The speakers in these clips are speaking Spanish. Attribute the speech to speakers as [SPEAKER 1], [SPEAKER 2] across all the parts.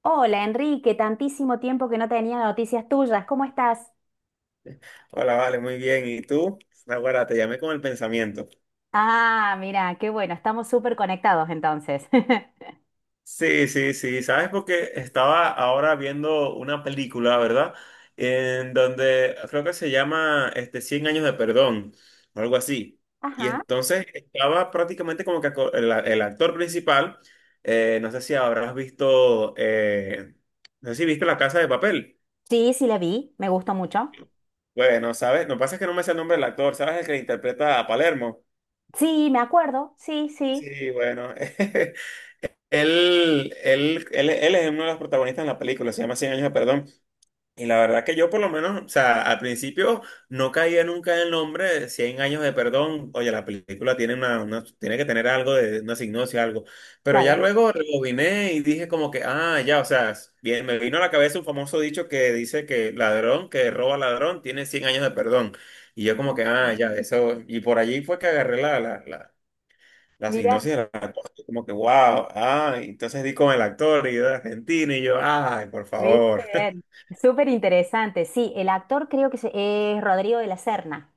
[SPEAKER 1] Hola Enrique, tantísimo tiempo que no tenía noticias tuyas, ¿cómo estás?
[SPEAKER 2] Hola, vale, muy bien. ¿Y tú? Ahora te llamé con el pensamiento.
[SPEAKER 1] Ah, mira, qué bueno, estamos súper conectados entonces.
[SPEAKER 2] Sí, sí, sí. ¿Sabes? Porque estaba ahora viendo una película, ¿verdad? En donde creo que se llama este, Cien años de perdón o algo así. Y
[SPEAKER 1] Ajá.
[SPEAKER 2] entonces estaba prácticamente como que el actor principal, no sé si habrás visto, no sé si viste La Casa de Papel.
[SPEAKER 1] Sí, sí la vi. Me gustó mucho.
[SPEAKER 2] Bueno, ¿sabes? Lo que pasa es que no me sé el nombre del actor. ¿Sabes el que interpreta a Palermo?
[SPEAKER 1] Sí, me acuerdo, sí, sí.
[SPEAKER 2] Sí, bueno. Él es uno de los protagonistas en la película, se llama Cien años de perdón. Y la verdad que yo por lo menos, o sea, al principio no caía nunca en el nombre de 100 años de perdón. Oye, la película tiene tiene que tener algo de una signosia, algo. Pero ya
[SPEAKER 1] Claro.
[SPEAKER 2] luego rebobiné y dije como que, ah, ya, o sea, bien, me vino a la cabeza un famoso dicho que dice que ladrón que roba ladrón tiene cien años de perdón. Y yo como
[SPEAKER 1] Ah,
[SPEAKER 2] que, ah, ya, eso. Y por allí fue que agarré la
[SPEAKER 1] mira,
[SPEAKER 2] sinopsis de la cosa, como que wow, ah, entonces di con el actor y yo de Argentina y yo, ay, por
[SPEAKER 1] viste
[SPEAKER 2] favor.
[SPEAKER 1] bien. Súper interesante. Sí, el actor creo que es Rodrigo de la Serna.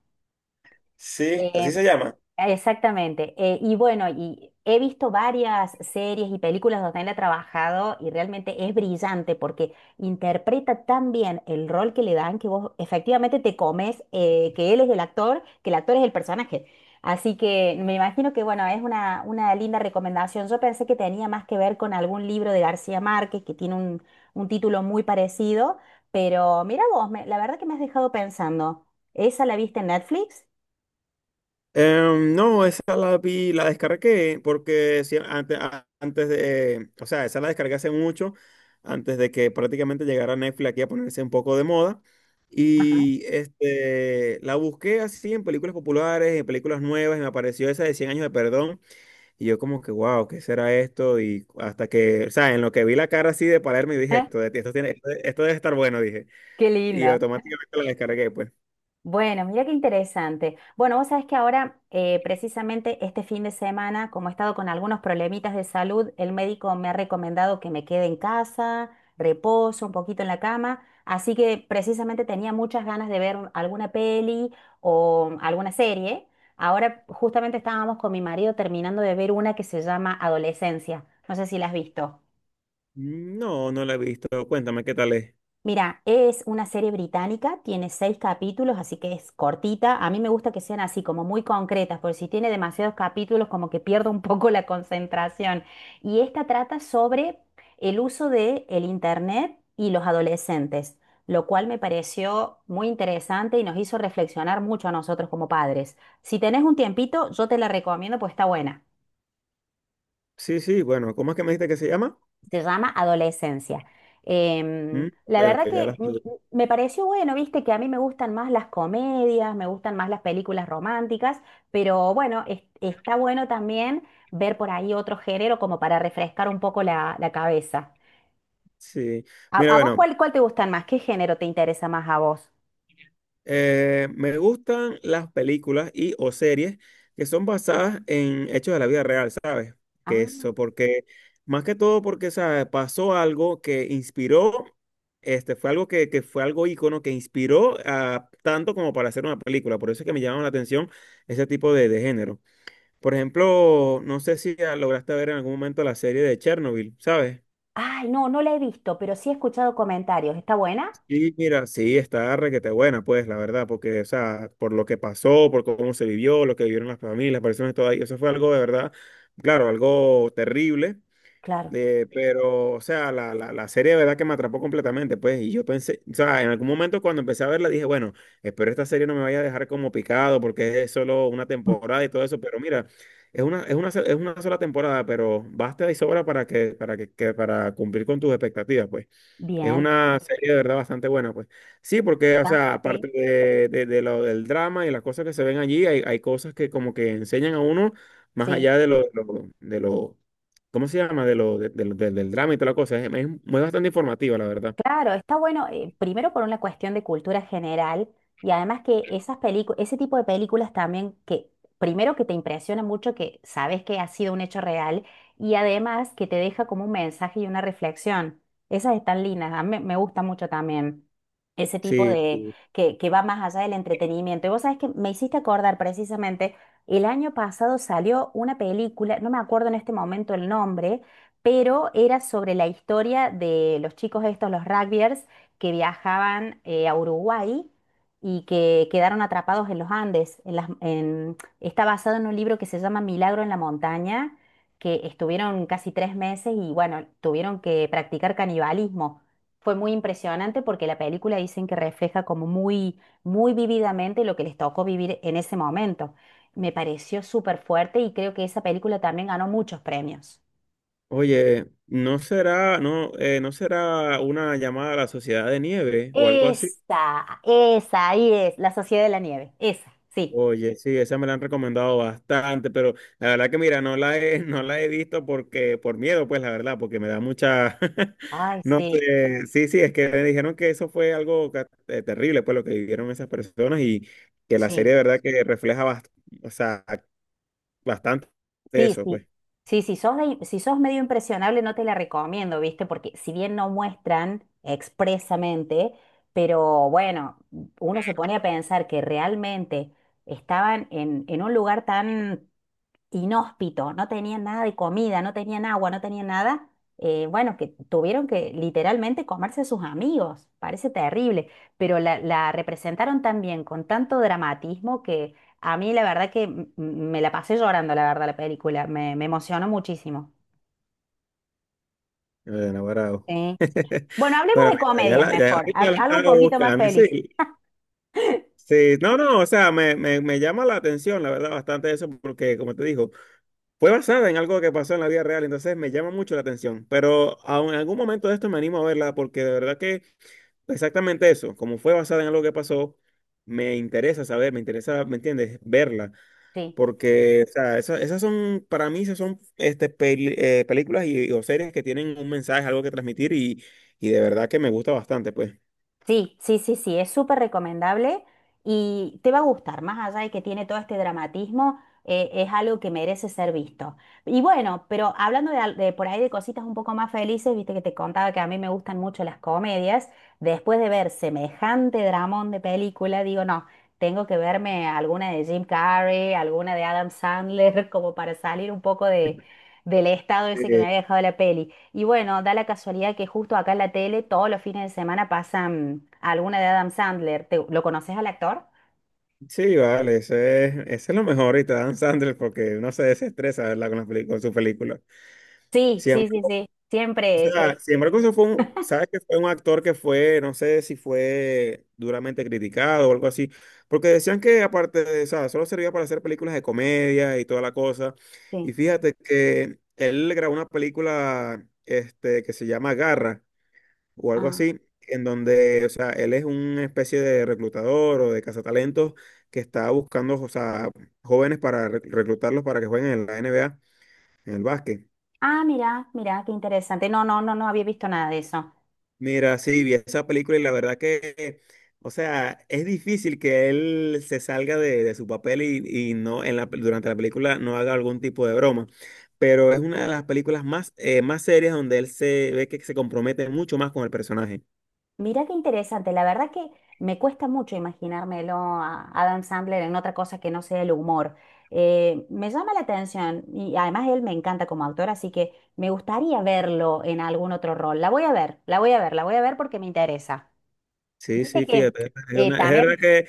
[SPEAKER 2] Sí, así se llama.
[SPEAKER 1] Exactamente. Y bueno, y he visto varias series y películas donde él ha trabajado y realmente es brillante porque interpreta tan bien el rol que le dan que vos efectivamente te comes que él es el actor, que el actor es el personaje. Así que me imagino que bueno, es una linda recomendación. Yo pensé que tenía más que ver con algún libro de García Márquez que tiene un título muy parecido, pero mira vos, la verdad que me has dejado pensando. ¿Esa la viste en Netflix?
[SPEAKER 2] No, esa la vi, la descargué porque sí, antes de, o sea, esa la descargué hace mucho, antes de que prácticamente llegara Netflix aquí a ponerse un poco de moda.
[SPEAKER 1] Ajá.
[SPEAKER 2] Y este, la busqué así en películas populares, en películas nuevas, y me apareció esa de Cien años de perdón. Y yo como que, wow, ¿qué será esto? Y hasta que, o sea, en lo que vi la cara así de Palermo y dije, esto, de esto tiene, esto debe estar bueno, dije.
[SPEAKER 1] Qué
[SPEAKER 2] Y
[SPEAKER 1] lindo.
[SPEAKER 2] automáticamente la descargué, pues.
[SPEAKER 1] Bueno, mira qué interesante. Bueno, vos sabés que ahora, precisamente este fin de semana, como he estado con algunos problemitas de salud, el médico me ha recomendado que me quede en casa, reposo un poquito en la cama, así que precisamente tenía muchas ganas de ver alguna peli o alguna serie. Ahora justamente estábamos con mi marido terminando de ver una que se llama Adolescencia. No sé si la has visto.
[SPEAKER 2] No, no la he visto. Cuéntame qué tal es.
[SPEAKER 1] Mira, es una serie británica, tiene seis capítulos, así que es cortita. A mí me gusta que sean así, como muy concretas, porque si tiene demasiados capítulos, como que pierdo un poco la concentración. Y esta trata sobre el uso de el internet y los adolescentes, lo cual me pareció muy interesante y nos hizo reflexionar mucho a nosotros como padres. Si tenés un tiempito, yo te la recomiendo, pues está buena.
[SPEAKER 2] Sí, sí, bueno, ¿cómo es que me dijiste que se llama?
[SPEAKER 1] Se llama Adolescencia. Em,
[SPEAKER 2] Mm, ok,
[SPEAKER 1] la
[SPEAKER 2] ok,
[SPEAKER 1] verdad
[SPEAKER 2] ya la
[SPEAKER 1] que mm, mm,
[SPEAKER 2] estoy-.
[SPEAKER 1] Me pareció bueno, viste, que a mí me gustan más las comedias, me gustan más las películas románticas, pero bueno, está bueno también ver por ahí otro género como para refrescar un poco la cabeza.
[SPEAKER 2] Sí. Mira,
[SPEAKER 1] A vos
[SPEAKER 2] bueno,
[SPEAKER 1] cuál te gustan más? ¿Qué género te interesa más a vos?
[SPEAKER 2] Me gustan las películas y o series que son basadas en hechos de la vida real, ¿sabes? Que
[SPEAKER 1] Ah,
[SPEAKER 2] eso, porque más que todo porque, ¿sabes? Pasó algo que inspiró, este, fue algo que fue algo ícono que inspiró a tanto como para hacer una película. Por eso es que me llama la atención ese tipo de género. Por ejemplo, no sé si ya lograste ver en algún momento la serie de Chernobyl, ¿sabes?
[SPEAKER 1] ay, no, no la he visto, pero sí he escuchado comentarios. ¿Está buena?
[SPEAKER 2] Y mira, sí, está requete buena, pues, la verdad, porque, o sea, por lo que pasó, por cómo se vivió, lo que vivieron las familias, las personas y todo ahí, eso fue algo de verdad, claro, algo terrible,
[SPEAKER 1] Claro.
[SPEAKER 2] pero, o sea, la serie de verdad que me atrapó completamente, pues, y yo pensé, o sea, en algún momento cuando empecé a verla dije, bueno, espero esta serie no me vaya a dejar como picado porque es solo una temporada y todo eso, pero mira, es una sola temporada, pero basta y sobra para que, para cumplir con tus expectativas, pues. Es
[SPEAKER 1] Bien.
[SPEAKER 2] una serie de verdad bastante buena, pues. Sí, porque, o
[SPEAKER 1] ¿Está?
[SPEAKER 2] sea,
[SPEAKER 1] Sí.
[SPEAKER 2] aparte de, de lo del drama y las cosas que se ven allí, hay cosas que como que enseñan a uno más
[SPEAKER 1] Sí.
[SPEAKER 2] allá de lo, ¿cómo se llama? De lo, de lo- del del drama y toda la cosa. Es muy bastante informativa, la verdad.
[SPEAKER 1] Claro, está bueno, primero por una cuestión de cultura general y además que esas películas, ese tipo de películas también que primero que te impresiona mucho que sabes que ha sido un hecho real y además que te deja como un mensaje y una reflexión. Esas están lindas, a mí me gusta mucho también ese tipo
[SPEAKER 2] Sí,
[SPEAKER 1] de
[SPEAKER 2] sí.
[SPEAKER 1] que va más allá del entretenimiento. Y vos sabés que me hiciste acordar precisamente, el año pasado salió una película, no me acuerdo en este momento el nombre pero era sobre la historia de los chicos estos, los rugbyers, que viajaban a Uruguay y que quedaron atrapados en los Andes. Está basado en un libro que se llama Milagro en la montaña, que estuvieron casi tres meses y bueno, tuvieron que practicar canibalismo. Fue muy impresionante porque la película dicen que refleja como muy vívidamente lo que les tocó vivir en ese momento. Me pareció súper fuerte y creo que esa película también ganó muchos premios.
[SPEAKER 2] Oye, ¿no será, no, no será una llamada a la Sociedad de Nieve o algo así?
[SPEAKER 1] Ahí es, La Sociedad de la Nieve, esa, sí.
[SPEAKER 2] Oye, sí, esa me la han recomendado bastante, pero la verdad que mira, no la he, no la he visto porque, por miedo, pues la verdad, porque me da mucha,
[SPEAKER 1] Ay,
[SPEAKER 2] no
[SPEAKER 1] sí,
[SPEAKER 2] sé, sí, sí, es que me dijeron que eso fue algo terrible, pues lo que vivieron esas personas y que la
[SPEAKER 1] sí,
[SPEAKER 2] serie de verdad que refleja o sea, bastante
[SPEAKER 1] sí,
[SPEAKER 2] eso,
[SPEAKER 1] sí.
[SPEAKER 2] pues,
[SPEAKER 1] Sí, si sos medio impresionable, no te la recomiendo, ¿viste? Porque si bien no muestran expresamente, pero bueno, uno se pone a pensar que realmente estaban en un lugar tan inhóspito, no tenían nada de comida, no tenían agua, no tenían nada, bueno, que tuvieron que literalmente comerse a sus amigos, parece terrible, pero la representaron también con tanto dramatismo que a mí la verdad que me la pasé llorando, la verdad, la película, me emocionó muchísimo.
[SPEAKER 2] enamorado.
[SPEAKER 1] Sí. Sí. Bueno, hablemos
[SPEAKER 2] Bueno,
[SPEAKER 1] de
[SPEAKER 2] mira, ya
[SPEAKER 1] comedias
[SPEAKER 2] la, ya
[SPEAKER 1] mejor,
[SPEAKER 2] ahorita la
[SPEAKER 1] algo un
[SPEAKER 2] estaba
[SPEAKER 1] poquito más
[SPEAKER 2] buscando,
[SPEAKER 1] feliz.
[SPEAKER 2] sí. Sí, no, no, o sea, me llama la atención, la verdad, bastante eso, porque como te digo, fue basada en algo que pasó en la vida real, entonces me llama mucho la atención, pero aun en algún momento de esto me animo a verla porque de verdad que exactamente eso, como fue basada en algo que pasó, me interesa saber, me interesa, ¿me entiendes? Verla,
[SPEAKER 1] Sí.
[SPEAKER 2] porque o sea, esa- esas, son, para mí, esas son este, películas y, o series que tienen un mensaje, algo que transmitir y de verdad que me gusta bastante, pues.
[SPEAKER 1] Sí, sí, sí, sí, es súper recomendable y te va a gustar, más allá de que tiene todo este dramatismo, es algo que merece ser visto. Y bueno, pero hablando de por ahí de cositas un poco más felices, viste que te contaba que a mí me gustan mucho las comedias, después de ver semejante dramón de película, digo, no, tengo que verme alguna de Jim Carrey, alguna de Adam Sandler, como para salir un poco de, del estado ese que me
[SPEAKER 2] Eh,
[SPEAKER 1] había dejado la peli. Y bueno, da la casualidad que justo acá en la tele todos los fines de semana pasan alguna de Adam Sandler. ¿Lo conoces al actor?
[SPEAKER 2] sí, vale, ese es lo mejor y te dan Sandler porque no se desestresa, ¿verdad? Con, con sus películas.
[SPEAKER 1] Sí, sí,
[SPEAKER 2] Siempre.
[SPEAKER 1] sí, sí.
[SPEAKER 2] O
[SPEAKER 1] Siempre.
[SPEAKER 2] sea, sin embargo, eso fue un, sabes que fue un actor que fue, no sé si fue duramente criticado o algo así, porque decían que aparte de, o sea, solo servía para hacer películas de comedia y toda la cosa.
[SPEAKER 1] Sí.
[SPEAKER 2] Y fíjate que él grabó una película, este, que se llama Garra o algo
[SPEAKER 1] Ah,
[SPEAKER 2] así, en donde, o sea, él es una especie de reclutador o de cazatalentos que está buscando, o sea, jóvenes para reclutarlos para que jueguen en la NBA, en el básquet.
[SPEAKER 1] ah, mira, mira, qué interesante. No, no, no, no había visto nada de eso.
[SPEAKER 2] Mira, sí, vi esa película y la verdad que, o sea, es difícil que él se salga de su papel y no en la, durante la película no haga algún tipo de broma. Pero es una de las películas más, más serias donde él se ve que se compromete mucho más con el personaje.
[SPEAKER 1] Mira qué interesante. La verdad que me cuesta mucho imaginármelo a Adam Sandler en otra cosa que no sea el humor. Me llama la atención y además él me encanta como autor, así que me gustaría verlo en algún otro rol. La voy a ver, la voy a ver, la voy a ver porque me interesa.
[SPEAKER 2] Sí,
[SPEAKER 1] Viste
[SPEAKER 2] sí,
[SPEAKER 1] que
[SPEAKER 2] fíjate. Es, es verdad
[SPEAKER 1] también
[SPEAKER 2] que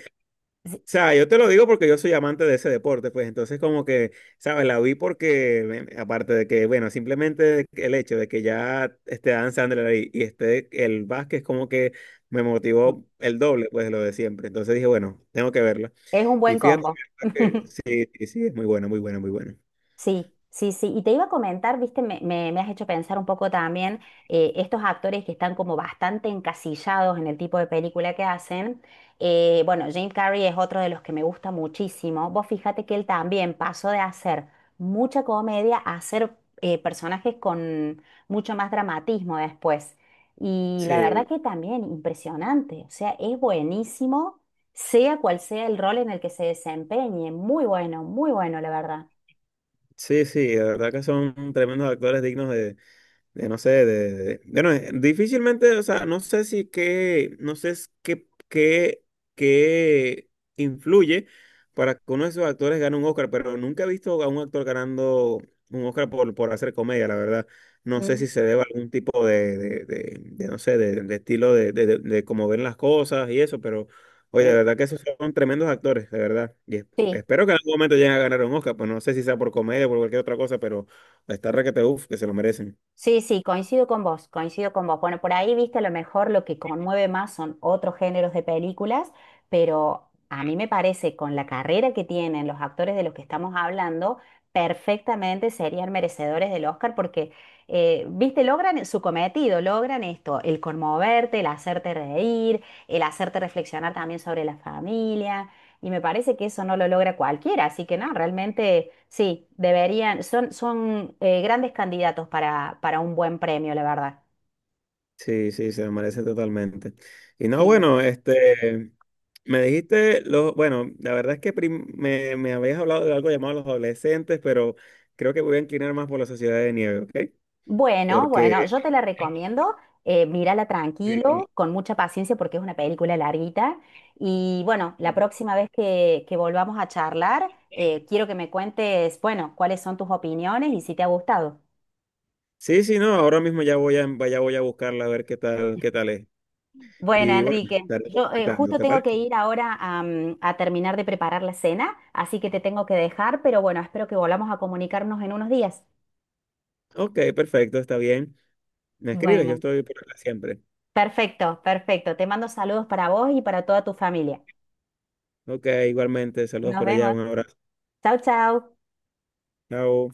[SPEAKER 1] sí,
[SPEAKER 2] o sea, yo te lo digo porque yo soy amante de ese deporte, pues entonces como que, ¿sabes? La vi porque, aparte de que, bueno, simplemente el hecho de que ya esté Dan Sandler ahí y esté el Vázquez como que me
[SPEAKER 1] mm,
[SPEAKER 2] motivó el doble, pues, de lo de siempre. Entonces dije, bueno, tengo que verla.
[SPEAKER 1] es un
[SPEAKER 2] Y
[SPEAKER 1] buen
[SPEAKER 2] fíjate
[SPEAKER 1] combo.
[SPEAKER 2] que sí, sí, sí, es muy buena, muy buena, muy buena.
[SPEAKER 1] Sí, sí, sí. Y te iba a comentar, viste, me has hecho pensar un poco también estos actores que están como bastante encasillados en el tipo de película que hacen. Bueno, Jim Carrey es otro de los que me gusta muchísimo. Vos fíjate que él también pasó de hacer mucha comedia a hacer personajes con mucho más dramatismo después. Y la verdad
[SPEAKER 2] Sí,
[SPEAKER 1] que también impresionante. O sea, es buenísimo, sea cual sea el rol en el que se desempeñe. Muy bueno, muy bueno, la verdad.
[SPEAKER 2] sí, sí, de verdad que son tremendos actores dignos de no sé, de- bueno, difícilmente, o sea, no sé si qué, no sé es qué, qué, qué influye para que uno de esos actores gane un Oscar, pero nunca he visto a un actor ganando un Oscar por hacer comedia, la verdad. No sé si se debe a algún tipo de, no sé, de estilo de cómo ven las cosas y eso, pero, oye, de
[SPEAKER 1] Sí,
[SPEAKER 2] verdad que esos son tremendos actores, de verdad. Y
[SPEAKER 1] sí,
[SPEAKER 2] espero que en algún momento lleguen a ganar un Oscar, pues no sé si sea por comedia o por cualquier otra cosa, pero está requete, uff, que se lo merecen.
[SPEAKER 1] sí, sí, coincido con vos, coincido con vos. Bueno, por ahí viste a lo mejor lo que conmueve más son otros géneros de películas, pero a mí me parece con la carrera que tienen los actores de los que estamos hablando, perfectamente serían merecedores del Oscar porque, viste, logran su cometido, logran esto, el conmoverte, el hacerte reír, el hacerte reflexionar también sobre la familia. Y me parece que eso no lo logra cualquiera, así que no, realmente sí, deberían, son grandes candidatos para un buen premio, la verdad.
[SPEAKER 2] Sí, sí, se me merece totalmente. Y no,
[SPEAKER 1] Bien.
[SPEAKER 2] bueno, este, me dijiste, lo, bueno, la verdad es que me, me habías hablado de algo llamado Los adolescentes, pero creo que voy a inclinar más por La sociedad de nieve, ¿ok?
[SPEAKER 1] Bueno, bueno,
[SPEAKER 2] Porque,
[SPEAKER 1] yo te la recomiendo, mírala tranquilo,
[SPEAKER 2] eh,
[SPEAKER 1] con mucha paciencia porque es una película larguita. Y bueno, la próxima vez que volvamos a charlar, quiero que me cuentes, bueno, cuáles son tus opiniones y si te ha gustado.
[SPEAKER 2] sí, sí, no, ahora mismo ya voy a buscarla a ver qué tal es.
[SPEAKER 1] Bueno,
[SPEAKER 2] Y bueno, te
[SPEAKER 1] Enrique,
[SPEAKER 2] estaré
[SPEAKER 1] yo
[SPEAKER 2] contactando,
[SPEAKER 1] justo
[SPEAKER 2] ¿te
[SPEAKER 1] tengo que
[SPEAKER 2] parece?
[SPEAKER 1] ir ahora a, a terminar de preparar la cena, así que te tengo que dejar, pero bueno, espero que volvamos a comunicarnos en unos días.
[SPEAKER 2] Ok, perfecto, está bien. Me escribes, yo
[SPEAKER 1] Bueno,
[SPEAKER 2] estoy por acá siempre.
[SPEAKER 1] perfecto, perfecto. Te mando saludos para vos y para toda tu familia.
[SPEAKER 2] Ok, igualmente, saludos
[SPEAKER 1] Nos
[SPEAKER 2] por allá,
[SPEAKER 1] vemos.
[SPEAKER 2] un abrazo.
[SPEAKER 1] Chau, chau.
[SPEAKER 2] Chao.